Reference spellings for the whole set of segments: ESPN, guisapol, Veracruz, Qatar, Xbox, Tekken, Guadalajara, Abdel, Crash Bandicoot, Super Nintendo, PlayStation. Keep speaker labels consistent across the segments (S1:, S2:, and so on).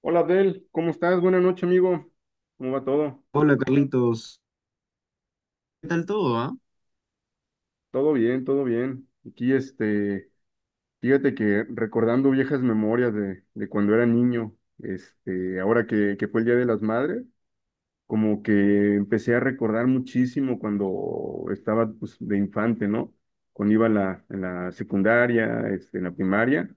S1: Hola Abdel, ¿cómo estás? Buenas noches, amigo. ¿Cómo va todo?
S2: Hola Carlitos, ¿qué tal todo, ah?
S1: Todo bien, todo bien. Aquí, fíjate que recordando viejas memorias de cuando era niño, ahora que fue el Día de las Madres, como que empecé a recordar muchísimo cuando estaba, pues, de infante, ¿no? Cuando iba a la, en la secundaria, en la primaria.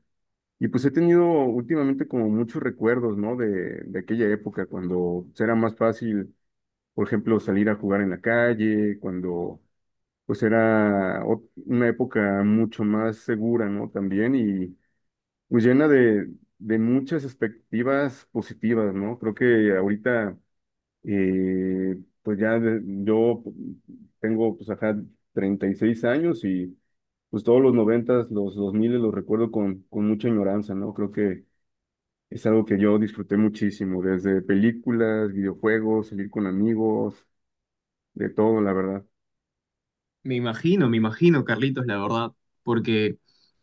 S1: Y pues he tenido últimamente como muchos recuerdos, ¿no? De aquella época, cuando pues, era más fácil por ejemplo, salir a jugar en la calle, cuando pues era una época mucho más segura, ¿no? También y pues llena de muchas expectativas positivas, ¿no? Creo que ahorita, eh, pues yo tengo, pues acá 36 años y pues todos los noventas los dos miles los recuerdo con mucha añoranza, ¿no? Creo que es algo que yo disfruté muchísimo, desde películas, videojuegos, salir con amigos, de todo, la verdad.
S2: Me imagino Carlitos, la verdad, porque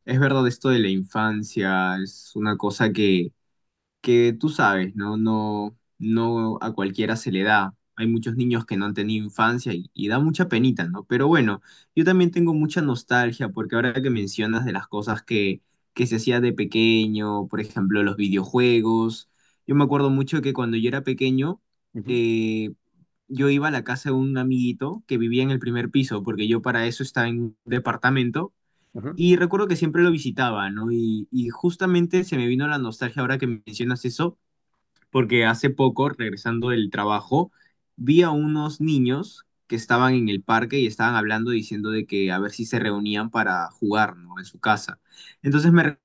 S2: es verdad esto de la infancia, es una cosa que tú sabes, ¿no? No, no a cualquiera se le da. Hay muchos niños que no han tenido infancia y da mucha penita, ¿no? Pero bueno, yo también tengo mucha nostalgia porque ahora que mencionas de las cosas que se hacía de pequeño, por ejemplo, los videojuegos, yo me acuerdo mucho que cuando yo era pequeño,
S1: Ujú,
S2: eh, yo iba a la casa de un amiguito que vivía en el primer piso, porque yo para eso estaba en un departamento
S1: ajá.
S2: y recuerdo que siempre lo visitaba, ¿no? Y justamente se me vino la nostalgia ahora que mencionas eso, porque hace poco, regresando del trabajo, vi a unos niños que estaban en el parque y estaban hablando diciendo de que a ver si se reunían para jugar, ¿no? En su casa. Entonces me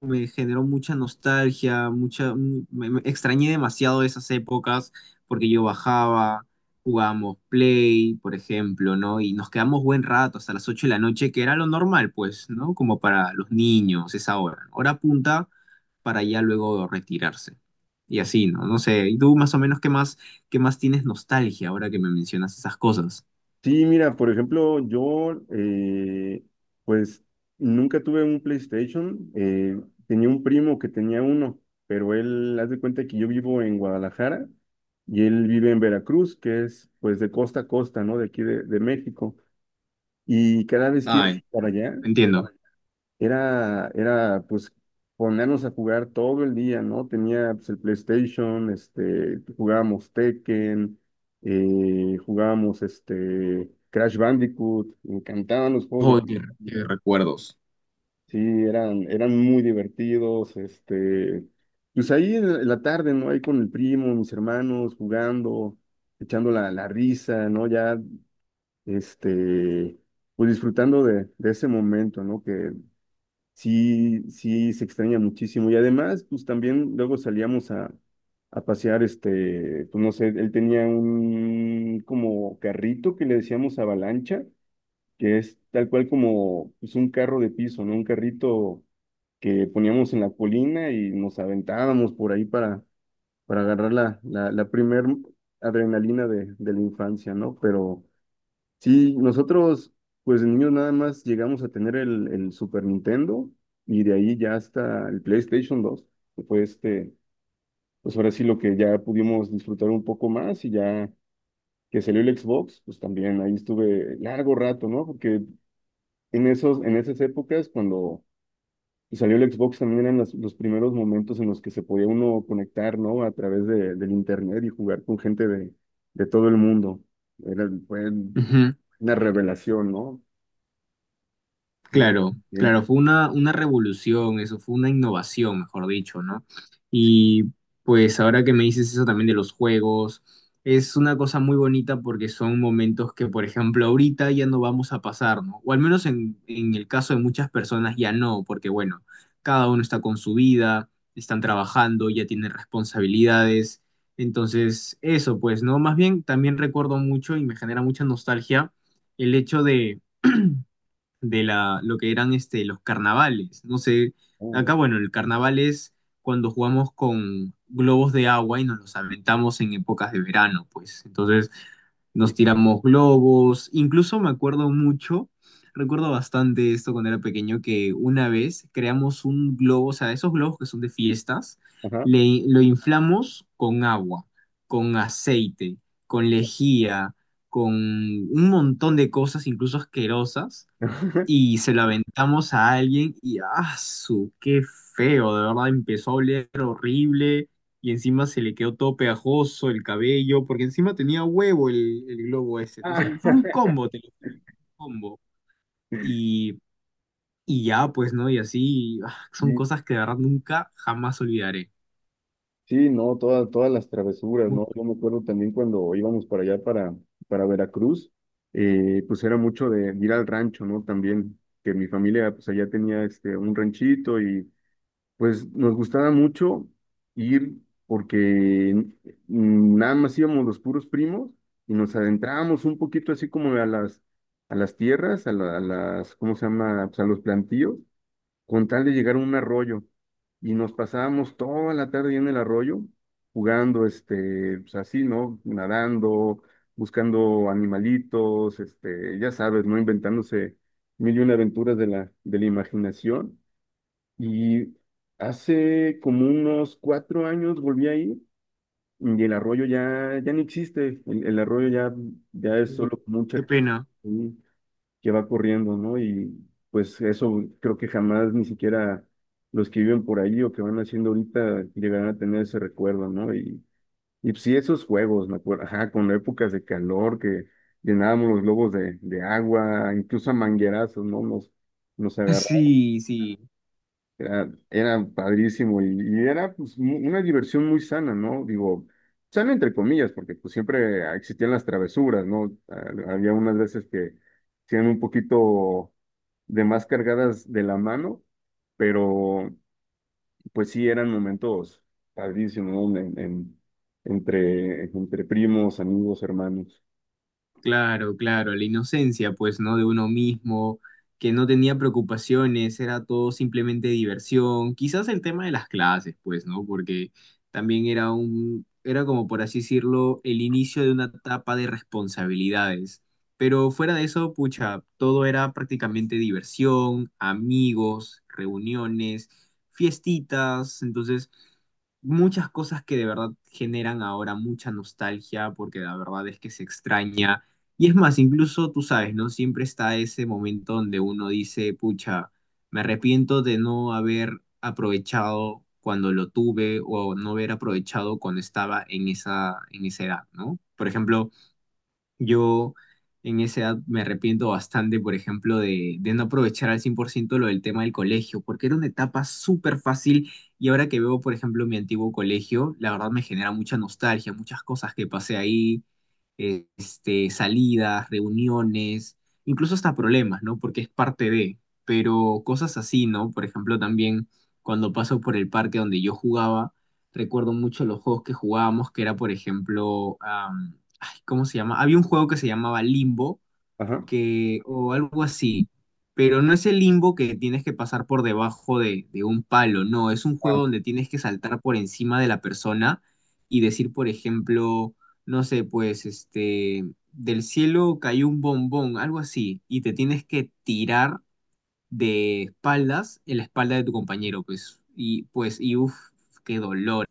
S2: me generó mucha nostalgia, mucha, mu- me extrañé demasiado esas épocas porque yo bajaba, jugábamos Play, por ejemplo, ¿no? Y nos quedamos buen rato hasta las 8 de la noche, que era lo normal, pues, ¿no? Como para los niños, esa hora, ¿no? Hora punta para ya luego retirarse. Y así, ¿no? No sé, ¿y tú más o menos qué más tienes nostalgia ahora que me mencionas esas cosas?
S1: Sí, mira, por ejemplo, yo pues nunca tuve un PlayStation. Tenía un primo que tenía uno, pero él, haz de cuenta que yo vivo en Guadalajara y él vive en Veracruz, que es pues de costa a costa, ¿no? De aquí de México. Y cada vez que iba
S2: Ay,
S1: para allá,
S2: entiendo.
S1: era pues ponernos a jugar todo el día, ¿no? Tenía pues, el PlayStation, jugábamos Tekken, jugábamos Crash Bandicoot, me encantaban los juegos
S2: Oh,
S1: de...
S2: qué, qué recuerdos.
S1: Sí, eran muy divertidos, pues ahí en la tarde, ¿no? Ahí con el primo, mis hermanos, jugando, echando la risa, ¿no? Ya, este, pues disfrutando de ese momento, ¿no? Que sí, sí, se extraña muchísimo. Y además, pues también luego salíamos a pasear, pues no sé, él tenía un como carrito que le decíamos avalancha, que es tal cual como pues, un carro de piso, ¿no? Un carrito que poníamos en la colina y nos aventábamos por ahí para agarrar la primer adrenalina de la infancia, ¿no? Pero sí, nosotros, pues de niños nada más llegamos a tener el Super Nintendo y de ahí ya hasta el PlayStation 2, que fue pues ahora sí lo que ya pudimos disfrutar un poco más y ya que salió el Xbox, pues también ahí estuve largo rato, ¿no? Porque en esas épocas, cuando salió el Xbox también eran los primeros momentos en los que se podía uno conectar, ¿no? A través del internet y jugar con gente de todo el mundo. Fue
S2: Ujú.
S1: una revelación, ¿no? Sí,
S2: Claro,
S1: siempre.
S2: claro, fue una revolución, eso fue una innovación, mejor dicho, ¿no? Y pues ahora que me dices eso también de los juegos, es una cosa muy bonita porque son momentos que, por ejemplo, ahorita ya no vamos a pasar, ¿no? O al menos en el caso de muchas personas ya no, porque bueno, cada uno está con su vida, están trabajando, ya tienen responsabilidades. Entonces, eso, pues, ¿no? Más bien, también recuerdo mucho y me genera mucha nostalgia el hecho de la, lo que eran este, los carnavales. No sé,
S1: Ah,
S2: acá, bueno, el carnaval es cuando jugamos con globos de agua y nos los aventamos en épocas de verano, pues. Entonces nos
S1: sí.
S2: tiramos globos. Incluso me acuerdo mucho, recuerdo bastante esto cuando era pequeño, que una vez creamos un globo, o sea, esos globos que son de fiestas,
S1: Ajá.
S2: le, lo inflamos con agua, con aceite, con lejía, con un montón de cosas, incluso asquerosas y se la aventamos a alguien y ¡ah, su! ¡Qué feo! De verdad empezó a oler horrible y encima se le quedó todo pegajoso el cabello, porque encima tenía huevo el globo ese, no
S1: Ah,
S2: sé, fue un combo, te lo juro, un combo. Y, y ya, pues, ¿no? Y así, ah, son
S1: y
S2: cosas que de verdad nunca jamás olvidaré.
S1: sí, no, todas las travesuras,
S2: Mu-
S1: ¿no? Yo me acuerdo también cuando íbamos para allá, para Veracruz, pues era mucho de ir al rancho, ¿no? También, que mi familia, pues allá tenía un ranchito y pues nos gustaba mucho ir porque nada más íbamos los puros primos y nos adentrábamos un poquito así como a las tierras, a las, ¿cómo se llama? Pues a los plantíos con tal de llegar a un arroyo. Y nos pasábamos toda la tarde en el arroyo jugando, pues así, ¿no? Nadando, buscando animalitos, ya sabes, ¿no? Inventándose mil y una aventuras de la imaginación. Y hace como unos cuatro años volví ahí y el arroyo ya no existe. El arroyo ya, ya es solo como un
S2: Qué
S1: charquito
S2: pena.
S1: que va corriendo, ¿no? Y pues eso creo que jamás ni siquiera los que viven por ahí o que van haciendo ahorita llegarán a tener ese recuerdo, ¿no? Y pues, sí, esos juegos, me acuerdo, ajá, con épocas de calor que llenábamos los globos de agua, incluso a manguerazos, ¿no? Nos agarrábamos
S2: Sí, sí.
S1: era, era padrísimo y era pues, una diversión muy sana, ¿no? Digo, sana entre comillas, porque pues siempre existían las travesuras, ¿no? Había unas veces que eran un poquito de más cargadas de la mano, pero pues sí eran momentos padrísimos, ¿no? Entre primos, amigos, hermanos.
S2: Claro, claro, la inocencia, pues, ¿no? De uno mismo, que no tenía preocupaciones, era todo simplemente diversión. Quizás el tema de las clases, pues, ¿no? Porque también era un, era como por así decirlo, el inicio de una etapa de responsabilidades. Pero fuera de eso, pucha, todo era prácticamente diversión, amigos, reuniones, fiestitas, entonces muchas cosas que de verdad generan ahora mucha nostalgia, porque la verdad es que se extraña y es más, incluso tú sabes, ¿no? Siempre está ese momento donde uno dice, pucha, me arrepiento de no haber aprovechado cuando lo tuve o no haber aprovechado cuando estaba en esa edad, ¿no? Por ejemplo, yo en esa edad me arrepiento bastante, por ejemplo, de no aprovechar al 100% lo del tema del colegio, porque era una etapa súper fácil y ahora que veo, por ejemplo, mi antiguo colegio, la verdad me genera mucha nostalgia, muchas cosas que pasé ahí, salidas, reuniones, incluso hasta problemas, ¿no? Porque es parte de, pero cosas así, ¿no? Por ejemplo, también cuando paso por el parque donde yo jugaba, recuerdo mucho los juegos que jugábamos, que era, por ejemplo, ay, ¿cómo se llama? Había un juego que se llamaba Limbo,
S1: Ajá.
S2: que, o algo así, pero no es el limbo que tienes que pasar por debajo de un palo, no, es un
S1: Ah,
S2: juego donde tienes que saltar por encima de la persona y decir, por ejemplo, no sé, pues, este, del cielo cayó un bombón, algo así, y te tienes que tirar de espaldas en la espalda de tu compañero, pues, y pues, y uff, qué dolor.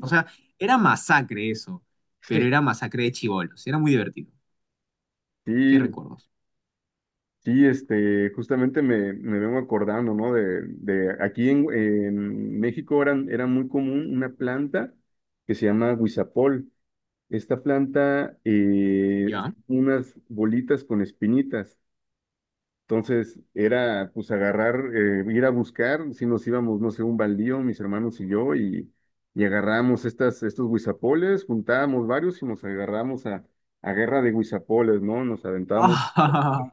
S2: O sea, era masacre eso, pero
S1: Sí,
S2: era masacre de chibolos, era muy divertido. ¿Qué
S1: sí,
S2: recuerdos?
S1: sí, justamente me vengo acordando, ¿no? De aquí en México era muy común una planta que se llama guisapol. Esta planta,
S2: ¿Ya?
S1: unas bolitas con espinitas. Entonces, era pues agarrar, ir a buscar, si nos íbamos, no sé, un baldío, mis hermanos y yo, y agarramos estos guisapoles, juntábamos varios y nos agarramos a guerra de guisapoles, ¿no? Nos aventábamos
S2: Ah,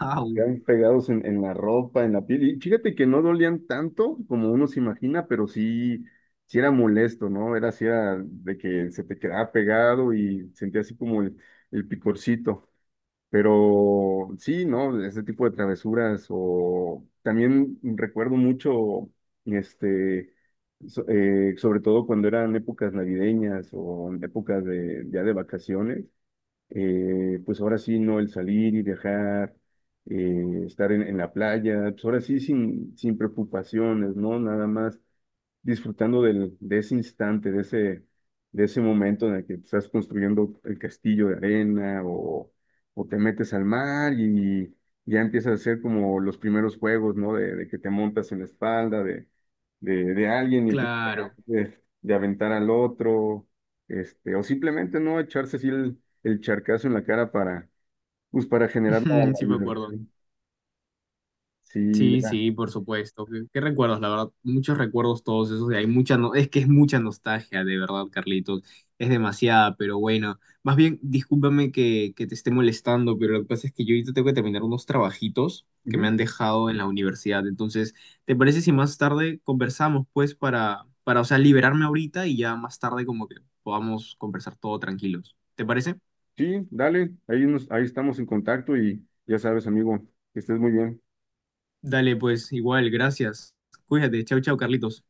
S2: au,
S1: quedaban pegados en la ropa, en la piel. Y fíjate que no dolían tanto como uno se imagina, pero sí, sí era molesto, ¿no? Era así era de que se te quedaba pegado y sentía así como el picorcito. Pero sí, ¿no? Ese tipo de travesuras. O también recuerdo mucho, este, sobre todo cuando eran épocas navideñas o en épocas de, ya de vacaciones pues ahora sí, no el salir y dejar, estar en la playa, pues ahora sí sin preocupaciones, ¿no? Nada más disfrutando del, de ese instante, de ese momento en el que estás construyendo el castillo de arena o te metes al mar y ya empiezas a hacer como los primeros juegos, ¿no? De que te montas en la espalda de alguien y empiezas a tratar
S2: claro.
S1: de aventar al otro, o simplemente no echarse así el charcazo en la cara para, pues, para generar la
S2: Sí me acuerdo.
S1: diversión. Sí,
S2: Sí,
S1: era.
S2: sí, por supuesto. ¿Qué, qué recuerdos? La verdad, muchos recuerdos todos esos. Y hay mucha, no, es que es mucha nostalgia, de verdad, Carlitos. Es demasiada, pero bueno. Más bien, discúlpame que te esté molestando, pero lo que pasa es que yo ahorita tengo que terminar unos trabajitos que me
S1: Ujú.
S2: han dejado en la universidad. Entonces, ¿te parece si más tarde conversamos, pues, para, o sea, liberarme ahorita y ya más tarde como que podamos conversar todo tranquilos? ¿Te parece?
S1: Sí, dale, ahí, nos, ahí estamos en contacto y ya sabes, amigo, que estés muy bien.
S2: Dale, pues, igual, gracias. Cuídate. Chau, chau, Carlitos.